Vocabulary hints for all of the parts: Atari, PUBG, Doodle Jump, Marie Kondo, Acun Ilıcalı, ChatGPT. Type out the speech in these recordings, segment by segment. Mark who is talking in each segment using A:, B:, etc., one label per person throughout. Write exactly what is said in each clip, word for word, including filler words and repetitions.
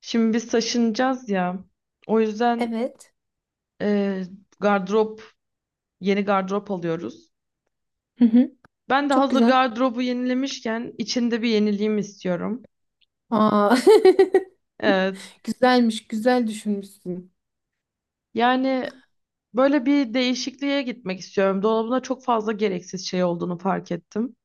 A: Şimdi biz taşınacağız ya. O yüzden
B: Evet.
A: e, gardırop, yeni gardırop alıyoruz.
B: Hı hı.
A: Ben de
B: Çok
A: hazır
B: güzel.
A: gardırobu yenilemişken içinde bir yeniliğim istiyorum.
B: Aa.
A: Evet.
B: Güzelmiş, güzel düşünmüşsün.
A: Yani böyle bir değişikliğe gitmek istiyorum. Dolabımda çok fazla gereksiz şey olduğunu fark ettim.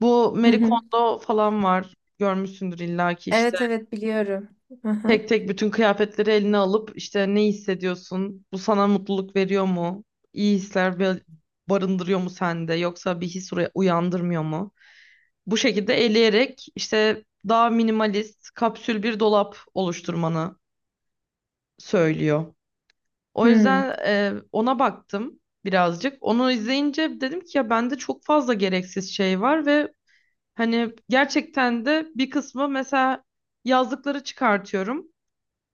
A: Bu
B: Hı
A: Marie
B: hı.
A: Kondo falan var. Görmüşsündür illaki işte.
B: Evet, evet, biliyorum. Hı hı.
A: Tek tek bütün kıyafetleri eline alıp işte ne hissediyorsun? Bu sana mutluluk veriyor mu? İyi hisler ba- barındırıyor mu sende? Yoksa bir his uya- uyandırmıyor mu? Bu şekilde eleyerek işte daha minimalist kapsül bir dolap oluşturmanı söylüyor. O yüzden
B: Hmm.
A: e, ona baktım birazcık. Onu izleyince dedim ki ya bende çok fazla gereksiz şey var ve hani gerçekten de bir kısmı mesela yazlıkları çıkartıyorum.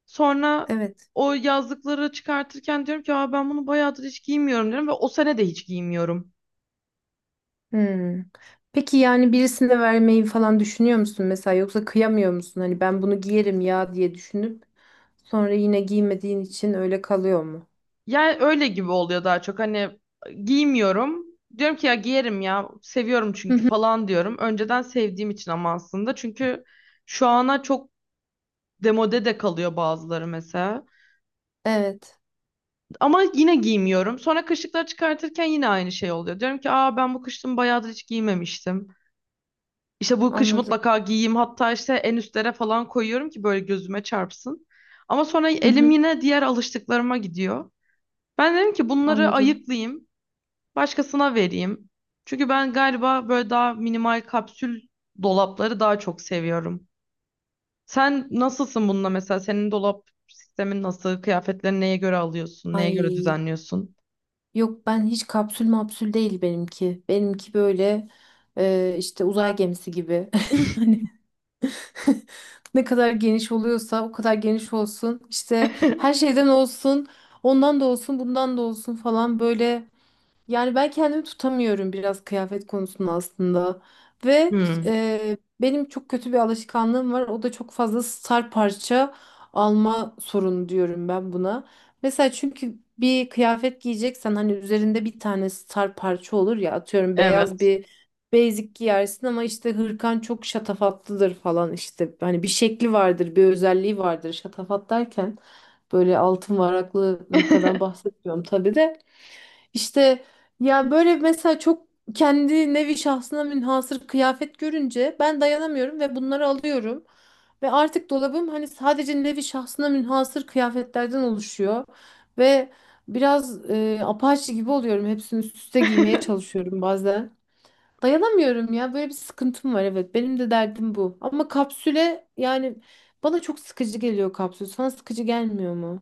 A: Sonra
B: Evet.
A: o yazlıkları çıkartırken diyorum ki aa, ben bunu bayağıdır hiç giymiyorum diyorum ve o sene de hiç giymiyorum.
B: Hmm. Peki, yani birisine vermeyi falan düşünüyor musun mesela, yoksa kıyamıyor musun? Hani ben bunu giyerim ya diye düşünüp sonra yine giymediğin için öyle kalıyor mu?
A: Yani öyle gibi oluyor daha çok hani giymiyorum. Diyorum ki ya giyerim ya seviyorum
B: Hı
A: çünkü
B: hı.
A: falan diyorum. Önceden sevdiğim için ama aslında çünkü şu ana çok demode de kalıyor bazıları mesela.
B: Evet.
A: Ama yine giymiyorum. Sonra kışlıkları çıkartırken yine aynı şey oluyor. Diyorum ki aa ben bu kışın bayağıdır hiç giymemiştim. İşte bu kış
B: Anladım.
A: mutlaka giyeyim. Hatta işte en üstlere falan koyuyorum ki böyle gözüme çarpsın. Ama sonra
B: Hı
A: elim
B: hı.
A: yine diğer alıştıklarıma gidiyor. Ben dedim ki bunları
B: Anladım.
A: ayıklayayım, başkasına vereyim. Çünkü ben galiba böyle daha minimal kapsül dolapları daha çok seviyorum. Sen nasılsın bununla mesela? Senin dolap sistemin nasıl? Kıyafetlerini neye göre alıyorsun? Neye göre
B: Ay,
A: düzenliyorsun?
B: yok ben hiç kapsül mapsül değil benimki. Benimki böyle e, işte uzay gemisi gibi. Hani ne kadar geniş oluyorsa o kadar geniş olsun. İşte her şeyden olsun. Ondan da olsun, bundan da olsun falan, böyle yani ben kendimi tutamıyorum biraz kıyafet konusunda aslında. Ve
A: Hmm,
B: e, benim çok kötü bir alışkanlığım var. O da çok fazla sar parça alma sorunu, diyorum ben buna. Mesela çünkü bir kıyafet giyeceksen hani üzerinde bir tane sar parça olur ya, atıyorum beyaz
A: evet.
B: bir basic giyersin ama işte hırkan çok şatafatlıdır falan işte. Hani bir şekli vardır, bir özelliği vardır şatafat derken. Böyle altın varaklı hırkadan bahsetmiyorum tabii de. İşte ya böyle mesela çok kendi nevi şahsına münhasır kıyafet görünce ben dayanamıyorum ve bunları alıyorum. Ve artık dolabım hani sadece nevi şahsına münhasır kıyafetlerden oluşuyor. Ve biraz e, apaçi gibi oluyorum. Hepsini üst üste giymeye çalışıyorum bazen. Dayanamıyorum ya, böyle bir sıkıntım var, evet. Benim de derdim bu. Ama kapsüle yani bana çok sıkıcı geliyor kapsül. Sana sıkıcı gelmiyor mu?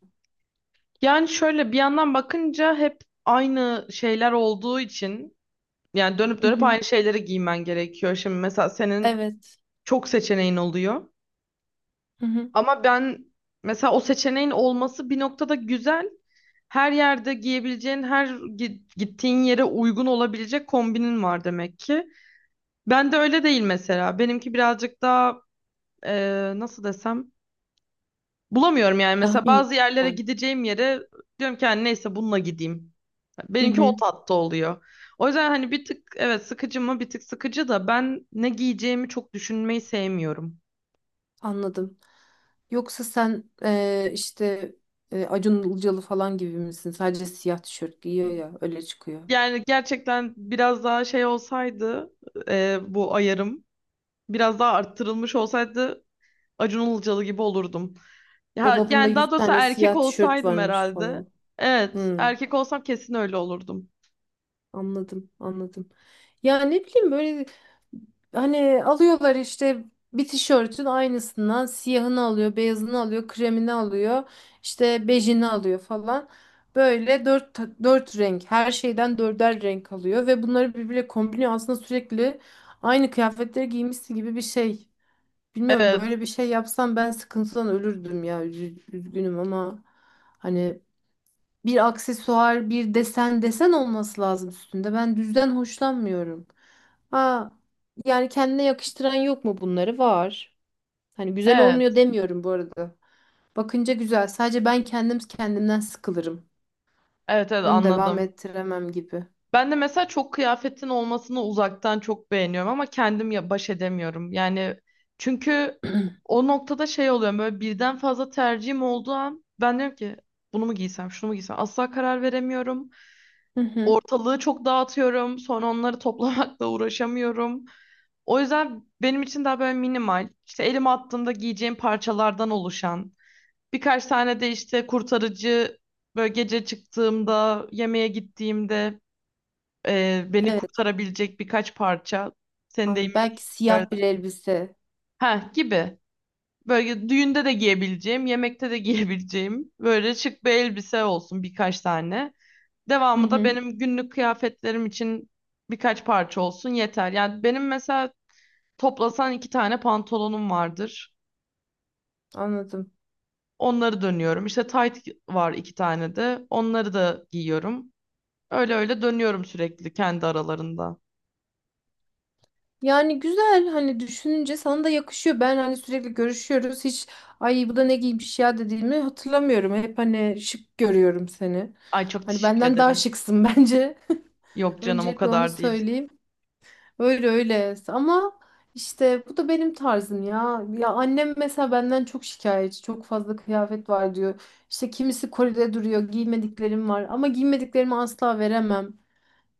A: Yani şöyle bir yandan bakınca hep aynı şeyler olduğu için yani dönüp
B: Hı
A: dönüp
B: hı.
A: aynı şeyleri giymen gerekiyor. Şimdi mesela senin
B: Evet.
A: çok seçeneğin oluyor.
B: Hı hı.
A: Ama ben mesela o seçeneğin olması bir noktada güzel. Her yerde giyebileceğin, her gi- gittiğin yere uygun olabilecek kombinin var demek ki. Ben de öyle değil mesela. Benimki birazcık daha eee, nasıl desem bulamıyorum yani. Mesela
B: Tahmin.
A: bazı yerlere
B: İhtimal.
A: gideceğim yere diyorum ki "Yani neyse bununla gideyim.
B: Hı
A: Benimki
B: hı.
A: o tatta oluyor. O yüzden hani bir tık evet sıkıcı mı bir tık sıkıcı da ben ne giyeceğimi çok düşünmeyi sevmiyorum.
B: Anladım. Yoksa sen eee, işte eee, Acun Ilıcalı falan gibi misin? Sadece siyah tişört giyiyor ya, öyle çıkıyor.
A: Yani gerçekten biraz daha şey olsaydı e, bu ayarım biraz daha arttırılmış olsaydı Acun Ilıcalı gibi olurdum. Ya,
B: Dolabında
A: yani
B: yüz
A: daha doğrusu
B: tane
A: erkek
B: siyah tişört
A: olsaydım
B: varmış
A: herhalde.
B: falan.
A: Evet
B: Hmm.
A: erkek olsam kesin öyle olurdum.
B: Anladım, anladım. Ya ne bileyim, böyle hani alıyorlar işte bir tişörtün aynısından siyahını alıyor, beyazını alıyor, kremini alıyor, işte bejini alıyor falan. Böyle dört, ta- dört renk, her şeyden dörder renk alıyor ve bunları birbiriyle kombiniyor. Aslında sürekli aynı kıyafetleri giymişsin gibi bir şey. Bilmiyorum,
A: Evet
B: böyle bir şey yapsam ben sıkıntıdan ölürdüm ya. Üz- Üzgünüm ama hani bir aksesuar, bir desen desen olması lazım üstünde. Ben düzden hoşlanmıyorum. Ha, yani kendine yakıştıran yok mu bunları? Var. Hani güzel olmuyor
A: evet
B: demiyorum bu arada. Bakınca güzel. Sadece ben kendim kendimden sıkılırım.
A: evet evet
B: Onu devam
A: anladım.
B: ettiremem gibi.
A: Ben de mesela çok kıyafetin olmasını uzaktan çok beğeniyorum ama kendim ya baş edemiyorum. Yani çünkü o noktada şey oluyor böyle birden fazla tercihim olduğu an ben diyorum ki bunu mu giysem şunu mu giysem asla karar veremiyorum.
B: Hı hı.
A: Ortalığı çok dağıtıyorum sonra onları toplamakla uğraşamıyorum. O yüzden benim için daha böyle minimal işte elime attığımda giyeceğim parçalardan oluşan birkaç tane de işte kurtarıcı böyle gece çıktığımda yemeğe gittiğimde ee, beni
B: Evet.
A: kurtarabilecek birkaç parça. Senin
B: Anladım.
A: deyimin
B: Belki
A: böyle.
B: siyah bir elbise.
A: Ha gibi. Böyle düğünde de giyebileceğim, yemekte de giyebileceğim böyle şık bir elbise olsun birkaç tane.
B: Hı
A: Devamı da
B: hı.
A: benim günlük kıyafetlerim için birkaç parça olsun yeter. Yani benim mesela toplasan iki tane pantolonum vardır.
B: Anladım.
A: Onları dönüyorum. İşte tayt var iki tane de. Onları da giyiyorum. Öyle öyle dönüyorum sürekli kendi aralarında.
B: Yani güzel, hani düşününce sana da yakışıyor. Ben hani sürekli görüşüyoruz. Hiç, ay bu da ne giymiş ya, dediğimi hatırlamıyorum. Hep hani şık görüyorum seni.
A: Ay çok
B: Hani
A: teşekkür
B: benden daha
A: ederim.
B: şıksın bence.
A: Yok canım o
B: Öncelikle onu
A: kadar değil.
B: söyleyeyim. Öyle öyle. Ama işte bu da benim tarzım ya. Ya annem mesela benden çok şikayetçi. Çok fazla kıyafet var diyor. İşte kimisi kolide duruyor. Giymediklerim var. Ama giymediklerimi asla veremem.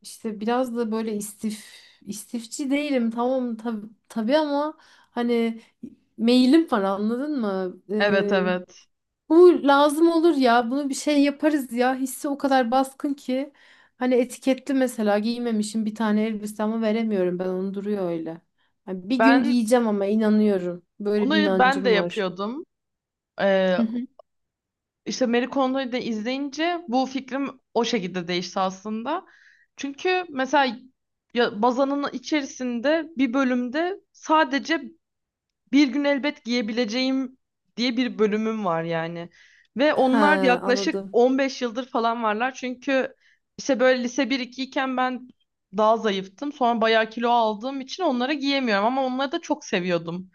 B: İşte biraz da böyle istif istifçi değilim, tamam, tabi tabii ama hani meyilim var, anladın mı?
A: Evet
B: Ee,
A: evet.
B: bu lazım olur ya, bunu bir şey yaparız ya hissi o kadar baskın ki hani etiketli mesela giymemişim bir tane elbise ama veremiyorum, ben onu duruyor öyle. Yani bir gün
A: Ben
B: giyeceğim ama inanıyorum, böyle bir
A: bunu ben de
B: inancım var.
A: yapıyordum. Ee,
B: Hı hı.
A: işte Marie Kondo'yu da izleyince bu fikrim o şekilde değişti aslında. Çünkü mesela ya, bazanın içerisinde bir bölümde sadece bir gün elbet giyebileceğim diye bir bölümüm var yani. Ve
B: Ha,
A: onlar yaklaşık
B: anladım,
A: on beş yıldır falan varlar. Çünkü işte böyle lise bir iki iken ben daha zayıftım. Sonra bayağı kilo aldığım için onları giyemiyorum ama onları da çok seviyordum.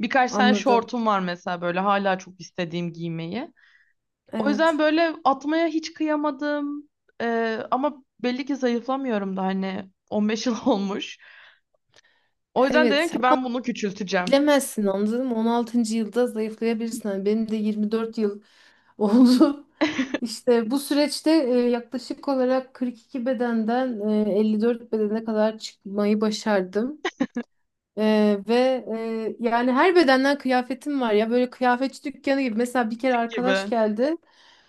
A: Birkaç tane
B: anladım,
A: şortum var mesela böyle hala çok istediğim giymeyi. O yüzden
B: evet.
A: böyle atmaya hiç kıyamadım. Ee, ama belli ki zayıflamıyorum da hani on beş yıl olmuş. O yüzden dedim
B: Evet.
A: ki ben bunu küçülteceğim
B: Bilemezsin, anladın mı? on altıncı yılda zayıflayabilirsin. Hani benim de yirmi dört yıl oldu. İşte bu süreçte e, yaklaşık olarak kırk iki bedenden e, elli dört bedene kadar çıkmayı başardım. E, ve e, yani her bedenden kıyafetim var ya, böyle kıyafetçi dükkanı gibi. Mesela bir kere arkadaş
A: gibi.
B: geldi,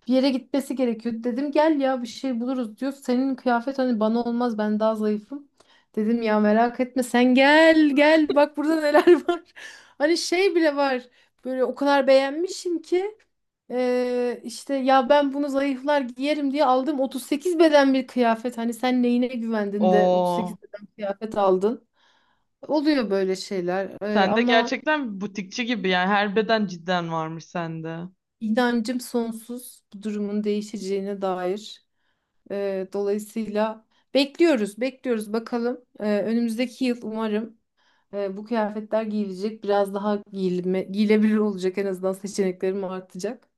B: bir yere gitmesi gerekiyor. Dedim gel ya bir şey buluruz, diyor senin kıyafet hani bana olmaz, ben daha zayıfım. Dedim ya merak etme, sen gel gel bak, burada neler var. Hani şey bile var, böyle o kadar beğenmişim ki eee, işte ya ben bunu zayıflar giyerim diye aldım, otuz sekiz beden bir kıyafet. Hani sen neyine güvendin de
A: Oo,
B: otuz sekiz beden kıyafet aldın. Oluyor böyle şeyler. Eee,
A: sen de
B: ama
A: gerçekten butikçi gibi yani her beden cidden varmış sende.
B: inancım sonsuz bu durumun değişeceğine dair. Ee, dolayısıyla bekliyoruz, bekliyoruz bakalım. Ee, önümüzdeki yıl umarım e, bu kıyafetler giyilecek, biraz daha giyilme, giyilebilir olacak, en azından seçeneklerim artacak.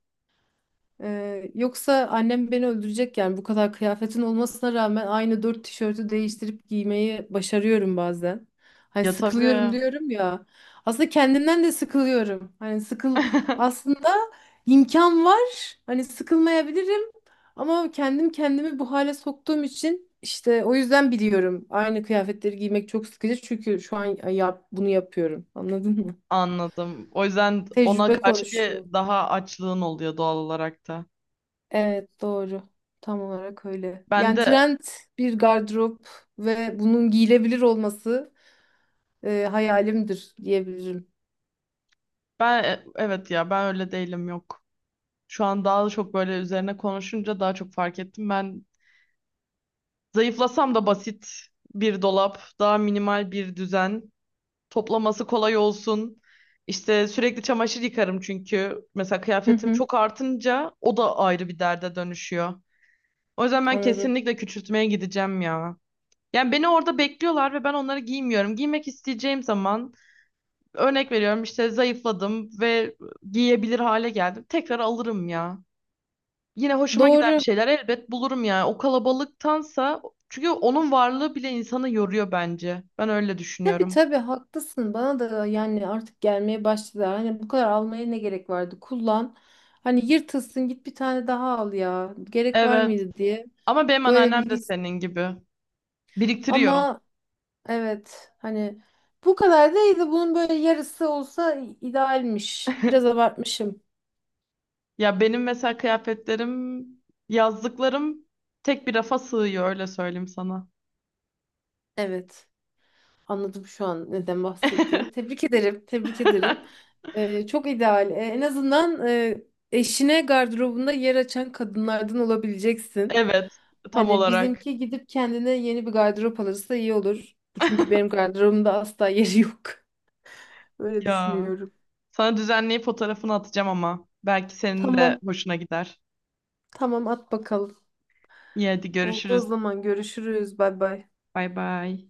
B: Ee, yoksa annem beni öldürecek yani bu kadar kıyafetin olmasına rağmen aynı dört tişörtü değiştirip giymeyi başarıyorum bazen. Hani
A: Ya
B: sıkılıyorum
A: tabii.
B: diyorum ya. Aslında kendimden de sıkılıyorum. Hani sıkıl aslında imkan var. Hani sıkılmayabilirim ama kendim kendimi bu hale soktuğum için işte o yüzden biliyorum. Aynı kıyafetleri giymek çok sıkıcı çünkü şu an yap bunu yapıyorum. Anladın mı?
A: Anladım. O yüzden ona
B: Tecrübe
A: karşı
B: konuşuyor.
A: bir daha açlığın oluyor doğal olarak da.
B: Evet, doğru. Tam olarak öyle.
A: Ben
B: Yani
A: de
B: trend bir gardırop ve bunun giyilebilir olması e, hayalimdir diyebilirim.
A: ben e- evet ya ben öyle değilim yok. Şu an daha çok böyle üzerine konuşunca daha çok fark ettim. Ben zayıflasam da basit bir dolap, daha minimal bir düzen, toplaması kolay olsun. İşte sürekli çamaşır yıkarım çünkü mesela
B: Hı
A: kıyafetim
B: hı,
A: çok artınca o da ayrı bir derde dönüşüyor. O yüzden ben
B: anladım.
A: kesinlikle küçültmeye gideceğim ya. Yani beni orada bekliyorlar ve ben onları giymiyorum. Giymek isteyeceğim zaman örnek veriyorum işte zayıfladım ve giyebilir hale geldim. Tekrar alırım ya. Yine hoşuma giden bir
B: Doğru.
A: şeyler elbet bulurum yani. O kalabalıktansa çünkü onun varlığı bile insanı yoruyor bence. Ben öyle
B: Tabii
A: düşünüyorum.
B: tabii haklısın. Bana da yani artık gelmeye başladı. Hani bu kadar almaya ne gerek vardı? Kullan. Hani yırtılsın git bir tane daha al ya. Gerek var
A: Evet.
B: mıydı diye.
A: Ama benim
B: Böyle bir
A: anneannem de
B: his.
A: senin gibi. Biriktiriyor.
B: Ama evet hani bu kadar değil de bunun böyle yarısı olsa idealmiş. Biraz abartmışım.
A: Ya benim mesela kıyafetlerim, yazlıklarım tek bir rafa sığıyor öyle söyleyeyim sana.
B: Evet. Anladım şu an neden bahsettiğini. Tebrik ederim. Tebrik ederim. Ee, çok ideal. Ee, en azından e, eşine gardırobunda yer açan kadınlardan olabileceksin.
A: Evet, tam
B: Hani
A: olarak.
B: bizimki gidip kendine yeni bir gardırop alırsa iyi olur. Çünkü benim gardırobumda asla yeri yok. Öyle
A: Ya.
B: düşünüyorum.
A: Sana düzenleyip fotoğrafını atacağım ama belki senin de
B: Tamam.
A: hoşuna gider.
B: Tamam, at bakalım.
A: İyi hadi
B: Oldu o
A: görüşürüz.
B: zaman, görüşürüz. Bay bay.
A: Bay bay.